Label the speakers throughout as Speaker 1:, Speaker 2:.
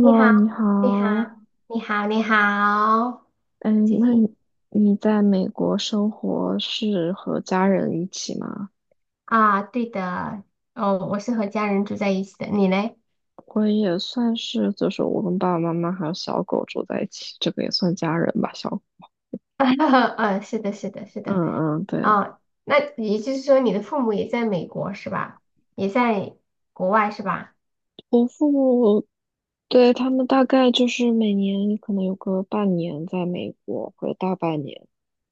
Speaker 1: 你好，
Speaker 2: 你
Speaker 1: 你好，
Speaker 2: 好。
Speaker 1: 你好，你好，最
Speaker 2: 嗯，那
Speaker 1: 近
Speaker 2: 你在美国生活是和家人一起吗？
Speaker 1: 啊，对的，哦，我是和家人住在一起的，你嘞？
Speaker 2: 我也算是，就是我跟爸爸妈妈还有小狗住在一起，这个也算家人吧。小狗，
Speaker 1: 嗯，是的，是的，是
Speaker 2: 嗯
Speaker 1: 的，
Speaker 2: 嗯，对，
Speaker 1: 哦，那也就是说你的父母也在美国是吧？也在国外是吧？
Speaker 2: 对，他们大概就是每年可能有个半年在美国，或者大半年，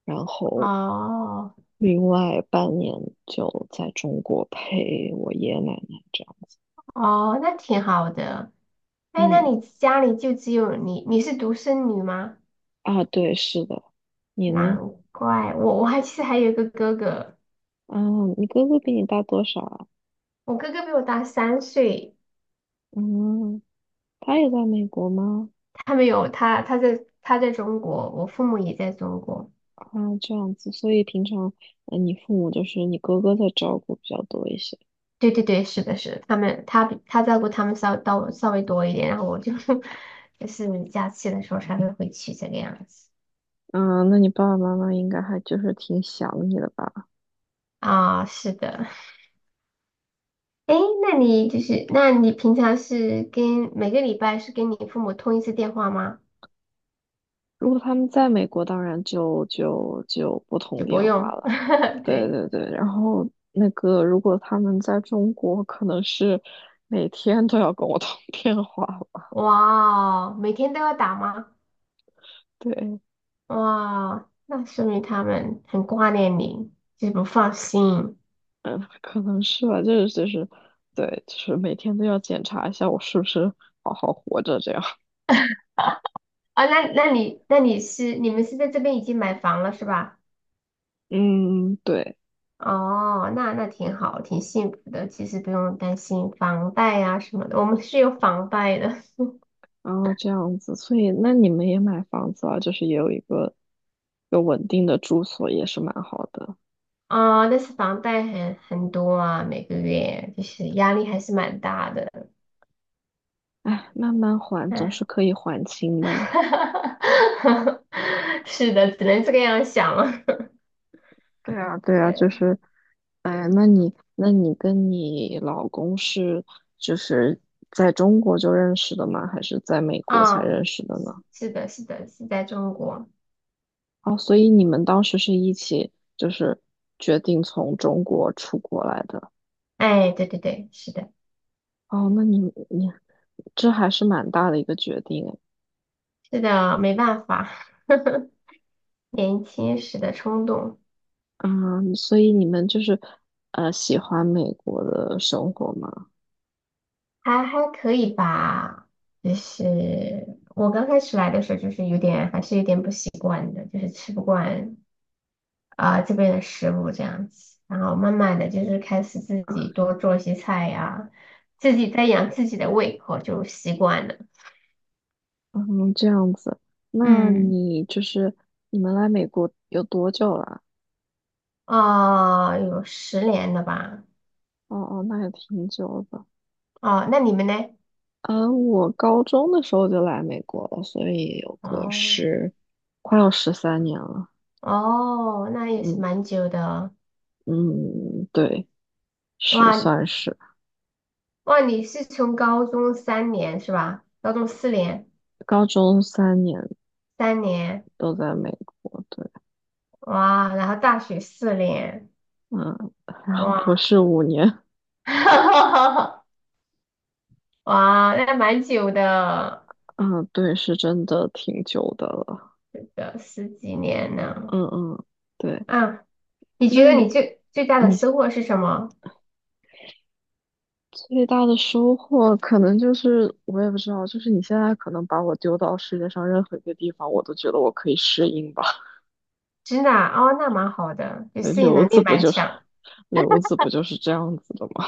Speaker 2: 然后
Speaker 1: 哦，
Speaker 2: 另外半年就在中国陪我爷爷奶奶这样。
Speaker 1: 哦，那挺好的。哎，那
Speaker 2: 嗯，
Speaker 1: 你家里就只有你，你是独生女吗？
Speaker 2: 啊，对，是的。你
Speaker 1: 难
Speaker 2: 呢？
Speaker 1: 怪我其实还有一个哥哥，
Speaker 2: 嗯，你哥哥比你大多少啊？
Speaker 1: 我哥哥比我大3岁。
Speaker 2: 嗯，他也在美国吗？
Speaker 1: 他在中国，我父母也在中国。
Speaker 2: 啊，这样子，所以平常，嗯，你父母就是你哥哥在照顾比较多一些。
Speaker 1: 对对对，是的，是的，他比他照顾他们稍微多一点，然后我就 就是假期的时候才会回去这个样子
Speaker 2: 嗯，那你爸爸妈妈应该还就是挺想你的吧？
Speaker 1: 啊，是的。哎，那你平常每个礼拜是跟你父母通一次电话吗？
Speaker 2: 如果他们在美国，当然就不
Speaker 1: 也
Speaker 2: 通
Speaker 1: 不
Speaker 2: 电话
Speaker 1: 用，
Speaker 2: 了。对
Speaker 1: 对，
Speaker 2: 对对，然后那个如果他们在中国，可能是每天都要跟我通电话了。
Speaker 1: 哇，每天都要打吗？
Speaker 2: 对，
Speaker 1: 哇，那说明他们很挂念你，就是不放心。
Speaker 2: 嗯，可能是吧，就是，对，就是每天都要检查一下我是不是好好活着这样。
Speaker 1: 啊，那那你那你是你们是在这边已经买房了是吧？
Speaker 2: 嗯，对，
Speaker 1: 哦，那挺好，挺幸福的。其实不用担心房贷啊什么的，我们是有房贷的。
Speaker 2: 然后这样子，所以那你们也买房子啊，就是也有一个有稳定的住所，也是蛮好的。
Speaker 1: 哦，但是房贷很多啊，每个月就是压力还是蛮大的。
Speaker 2: 哎，慢慢还总
Speaker 1: 嗯，
Speaker 2: 是可以还清的了。
Speaker 1: 是的，只能这个样想了。
Speaker 2: 对啊，对啊，
Speaker 1: 对
Speaker 2: 就是，哎，那你跟你老公是就是在中国就认识的吗？还是在美国才
Speaker 1: 啊，
Speaker 2: 认识的呢？
Speaker 1: 是的，是的，是在中国。
Speaker 2: 哦，所以你们当时是一起就是决定从中国出国来的。
Speaker 1: 哎，对对对，是的，
Speaker 2: 哦，那你这还是蛮大的一个决定诶。
Speaker 1: 是的，没办法，年轻时的冲动。
Speaker 2: 嗯，所以你们就是喜欢美国的生活吗？
Speaker 1: 还可以吧，就是我刚开始来的时候，就是有点还是有点不习惯的，就是吃不惯啊、这边的食物这样子，然后慢慢的就是开始自己多做一些菜呀、自己在养自己的胃口就习惯了。
Speaker 2: 嗯，这样子。那
Speaker 1: 嗯，
Speaker 2: 你就是你们来美国有多久了？
Speaker 1: 啊、有10年了吧？
Speaker 2: 哦哦，那也挺久的。
Speaker 1: 哦，那你们呢？
Speaker 2: 我高中的时候就来美国了，所以有个
Speaker 1: 哦
Speaker 2: 十，快要13年了。
Speaker 1: 哦，那也是
Speaker 2: 嗯
Speaker 1: 蛮久的。
Speaker 2: 嗯，对。是
Speaker 1: 哇
Speaker 2: 算是
Speaker 1: 哇，你是从高中三年是吧？高中四年，
Speaker 2: 高中三年
Speaker 1: 三年。
Speaker 2: 都在美国，对，
Speaker 1: 哇，然后大学四年，
Speaker 2: 嗯，然后博
Speaker 1: 哇
Speaker 2: 士5年，
Speaker 1: 哇，那蛮久的，
Speaker 2: 嗯，对，是真的挺久的了，
Speaker 1: 的十几年呢。
Speaker 2: 嗯嗯，对，
Speaker 1: 啊，你觉
Speaker 2: 那
Speaker 1: 得你最大的
Speaker 2: 你
Speaker 1: 收获是什么？
Speaker 2: 最大的收获可能就是我也不知道，就是你现在可能把我丢到世界上任何一个地方，我都觉得我可以适应吧，
Speaker 1: 真的啊哦，那蛮好的，就
Speaker 2: 对
Speaker 1: 适应能力蛮强。
Speaker 2: 留子不就是这样子的吗？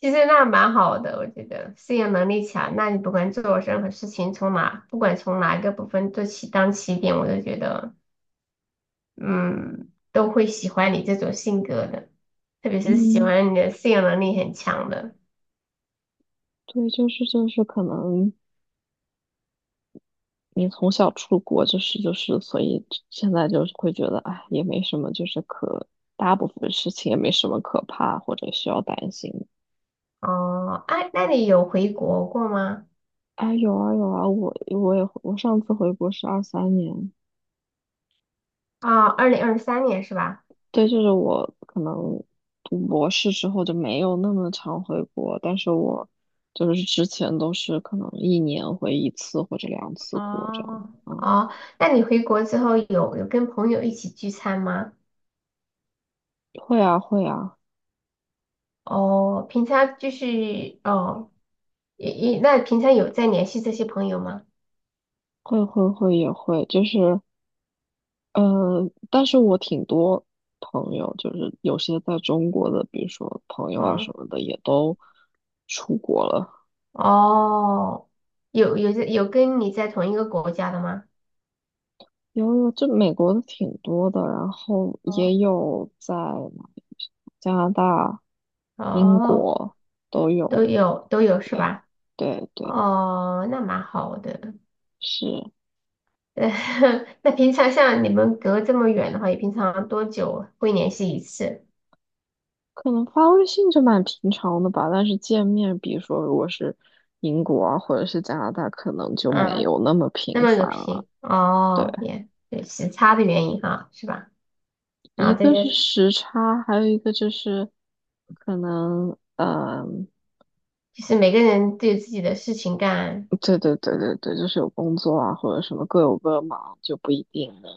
Speaker 1: 其实那蛮好的，我觉得适应能力强，那你不管做任何事情，不管从哪一个部分做起当起点，我都觉得嗯都会喜欢你这种性格的，特别 是喜
Speaker 2: 嗯，
Speaker 1: 欢你的适应能力很强的。
Speaker 2: 对，就是可能你从小出国就是，所以现在就是会觉得，哎，也没什么，就是大部分事情也没什么可怕或者需要担心的。
Speaker 1: 哦，哎，那你有回国过吗？
Speaker 2: 哎，有啊有啊，我上次回国是2023年，
Speaker 1: 啊，2023年是吧？
Speaker 2: 对，就是我可能读博士之后就没有那么常回国，但是我就是之前都是可能一年回一次或者两次国这样
Speaker 1: 哦，
Speaker 2: 的。嗯，
Speaker 1: 哦，那你回国之后有跟朋友一起聚餐吗？
Speaker 2: 会啊会啊，
Speaker 1: 哦，平常就是哦，那平常有在联系这些朋友吗？
Speaker 2: 会会会也会，就是。但是我挺多朋友，就是有些在中国的，比如说朋友啊什
Speaker 1: 嗯，
Speaker 2: 么的，也都出国了。
Speaker 1: 哦，有跟你在同一个国家的吗？
Speaker 2: 有有，这美国的挺多的，然后也
Speaker 1: 哦
Speaker 2: 有在哪里加拿大、英
Speaker 1: 哦，
Speaker 2: 国都
Speaker 1: 都
Speaker 2: 有。
Speaker 1: 有都有是
Speaker 2: 对，
Speaker 1: 吧？
Speaker 2: 对，对，
Speaker 1: 哦，那蛮好的。
Speaker 2: 是，
Speaker 1: 呃，那平常像你们隔这么远的话，也平常多久会联系一次？
Speaker 2: 可能发微信就蛮平常的吧，但是见面，比如说如果是英国啊，或者是加拿大，可能就没
Speaker 1: 嗯，
Speaker 2: 有那么
Speaker 1: 那
Speaker 2: 频
Speaker 1: 么个
Speaker 2: 繁了。
Speaker 1: 频
Speaker 2: 对。
Speaker 1: 哦，也对时差的原因哈，是吧？然
Speaker 2: 一
Speaker 1: 后这
Speaker 2: 个是
Speaker 1: 些
Speaker 2: 时差，还有一个就是可能，嗯，
Speaker 1: 就是每个人都有自己的事情干
Speaker 2: 对对对对对，就是有工作啊或者什么各有各忙，就不一定能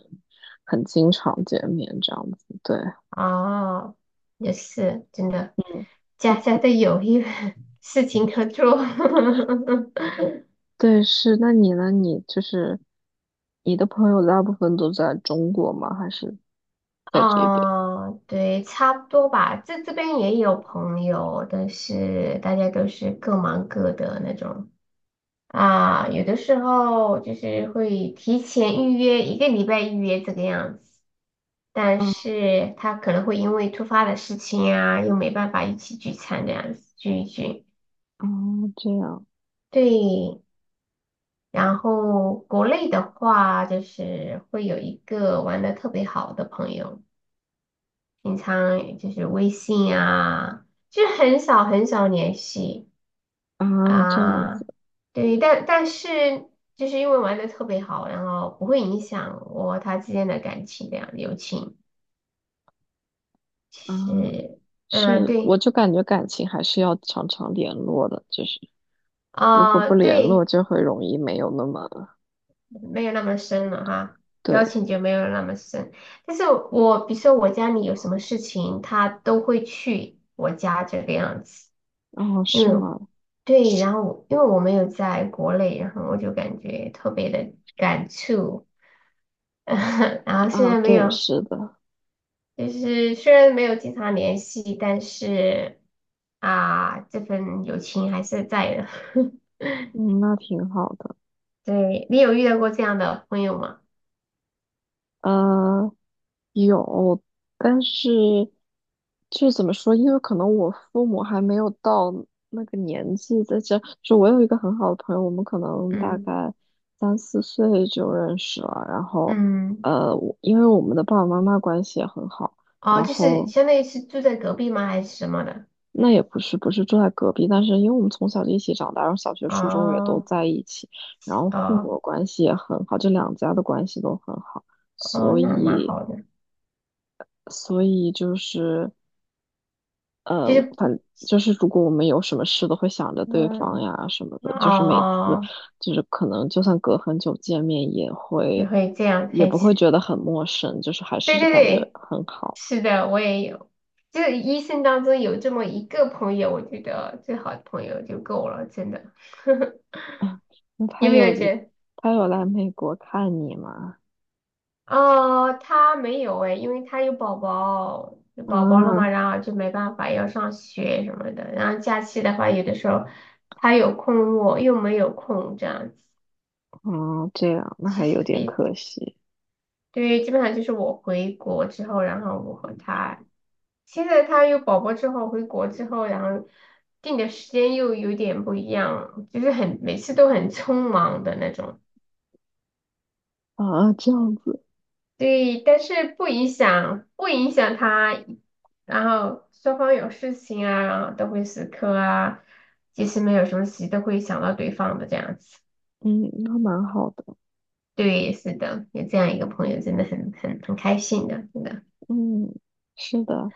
Speaker 2: 很经常见面这样子。对，
Speaker 1: 哦，也是真的，
Speaker 2: 嗯
Speaker 1: 家家都有一 事情可做。
Speaker 2: 对，是。那你呢？你就是你的朋友大部分都在中国吗？还是在这边？
Speaker 1: 哦，对，差不多吧。这边也有朋友，但是大家都是各忙各的那种。啊，有的时候就是会提前预约一个礼拜预约这个样子，但
Speaker 2: 啊
Speaker 1: 是他可能会因为突发的事情啊，又没办法一起聚餐这样子聚一聚。
Speaker 2: 啊，这样
Speaker 1: 对，然后国内的话，就是会有一个玩的特别好的朋友，平常就是微信啊，就很少很少联系。
Speaker 2: 啊，这样
Speaker 1: 啊，
Speaker 2: 子
Speaker 1: 对，但是就是因为玩的特别好，然后不会影响我和他之间的感情，这样友情
Speaker 2: 啊，
Speaker 1: 是，嗯，
Speaker 2: 是，我
Speaker 1: 对，
Speaker 2: 就感觉感情还是要常常联络的，就是。如果
Speaker 1: 啊、
Speaker 2: 不联络，
Speaker 1: 对，
Speaker 2: 就会容易没有那么
Speaker 1: 没有那么深了哈，交
Speaker 2: 对。
Speaker 1: 情就没有那么深。但是我比如说我家里有什么事情，他都会去我家这个样子，
Speaker 2: 哦，
Speaker 1: 因为
Speaker 2: 是吗？
Speaker 1: 对，然后因为我没有在国内，然后我就感觉特别的感触。然后虽
Speaker 2: 啊，
Speaker 1: 然没
Speaker 2: 对，
Speaker 1: 有。
Speaker 2: 是的，
Speaker 1: 就是虽然没有经常联系，但是啊，这份友情还是在的。
Speaker 2: 嗯，那挺好的。
Speaker 1: 对，你有遇到过这样的朋友吗？
Speaker 2: 呃，有，但是就怎么说？因为可能我父母还没有到那个年纪，在这就我有一个很好的朋友，我们可能大
Speaker 1: 嗯
Speaker 2: 概3、4岁就认识了。然后，
Speaker 1: 嗯，
Speaker 2: 因为我们的爸爸妈妈关系也很好，
Speaker 1: 哦，
Speaker 2: 然
Speaker 1: 就是
Speaker 2: 后
Speaker 1: 相当于是住在隔壁吗？还是什么的？
Speaker 2: 那也不是，不是住在隔壁，但是因为我们从小就一起长大，然后小学、初中也都
Speaker 1: 哦
Speaker 2: 在一起，然后父
Speaker 1: 哦
Speaker 2: 母关系也很好，这两家的关系都很好，
Speaker 1: 哦，
Speaker 2: 所
Speaker 1: 那蛮
Speaker 2: 以，
Speaker 1: 好的。
Speaker 2: 所以就是
Speaker 1: 就
Speaker 2: 呃，
Speaker 1: 是
Speaker 2: 反就是如果我们有什么事都会想着对方
Speaker 1: 嗯
Speaker 2: 呀什么的，就是每次
Speaker 1: 哦，
Speaker 2: 就是可能就算隔很久见面
Speaker 1: 也会这样
Speaker 2: 也
Speaker 1: 配
Speaker 2: 不
Speaker 1: 起。
Speaker 2: 会觉得很陌生，就是还
Speaker 1: 对
Speaker 2: 是
Speaker 1: 对
Speaker 2: 感觉
Speaker 1: 对，
Speaker 2: 很好。
Speaker 1: 是的，我也有。就是一生当中有这么一个朋友，我觉得最好的朋友就够了，真的。
Speaker 2: 那
Speaker 1: 有没有结？
Speaker 2: 他有来美国看你吗？
Speaker 1: 哦，他没有哎，因为他有宝宝，有宝宝了嘛，
Speaker 2: 嗯。
Speaker 1: 然后就没办法要上学什么的。然后假期的话，有的时候他有空，我又没有空，这样子。
Speaker 2: 哦，这样，那
Speaker 1: 其
Speaker 2: 还有
Speaker 1: 实
Speaker 2: 点
Speaker 1: 诶
Speaker 2: 可惜
Speaker 1: 对，基本上就是我回国之后，然后我和他，现在他有宝宝之后，回国之后，然后定的时间又有点不一样，就是每次都很匆忙的那种。
Speaker 2: 啊，这样子，
Speaker 1: 对，但是不影响，不影响他，然后双方有事情啊，然后都会死磕啊，即使没有什么事，都会想到对方的这样子。
Speaker 2: 嗯，那蛮好的，
Speaker 1: 对，是的，有这样一个朋友真的很开心的，真的，
Speaker 2: 嗯，是的，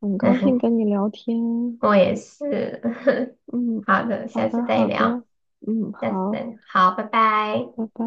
Speaker 2: 很
Speaker 1: 那
Speaker 2: 高兴
Speaker 1: 很
Speaker 2: 跟你聊天，
Speaker 1: 我也是。
Speaker 2: 嗯，
Speaker 1: 好的，
Speaker 2: 好
Speaker 1: 下次
Speaker 2: 的，
Speaker 1: 再
Speaker 2: 好
Speaker 1: 聊，
Speaker 2: 的，嗯，
Speaker 1: 下次再
Speaker 2: 好，
Speaker 1: 聊好，拜拜。
Speaker 2: 拜拜。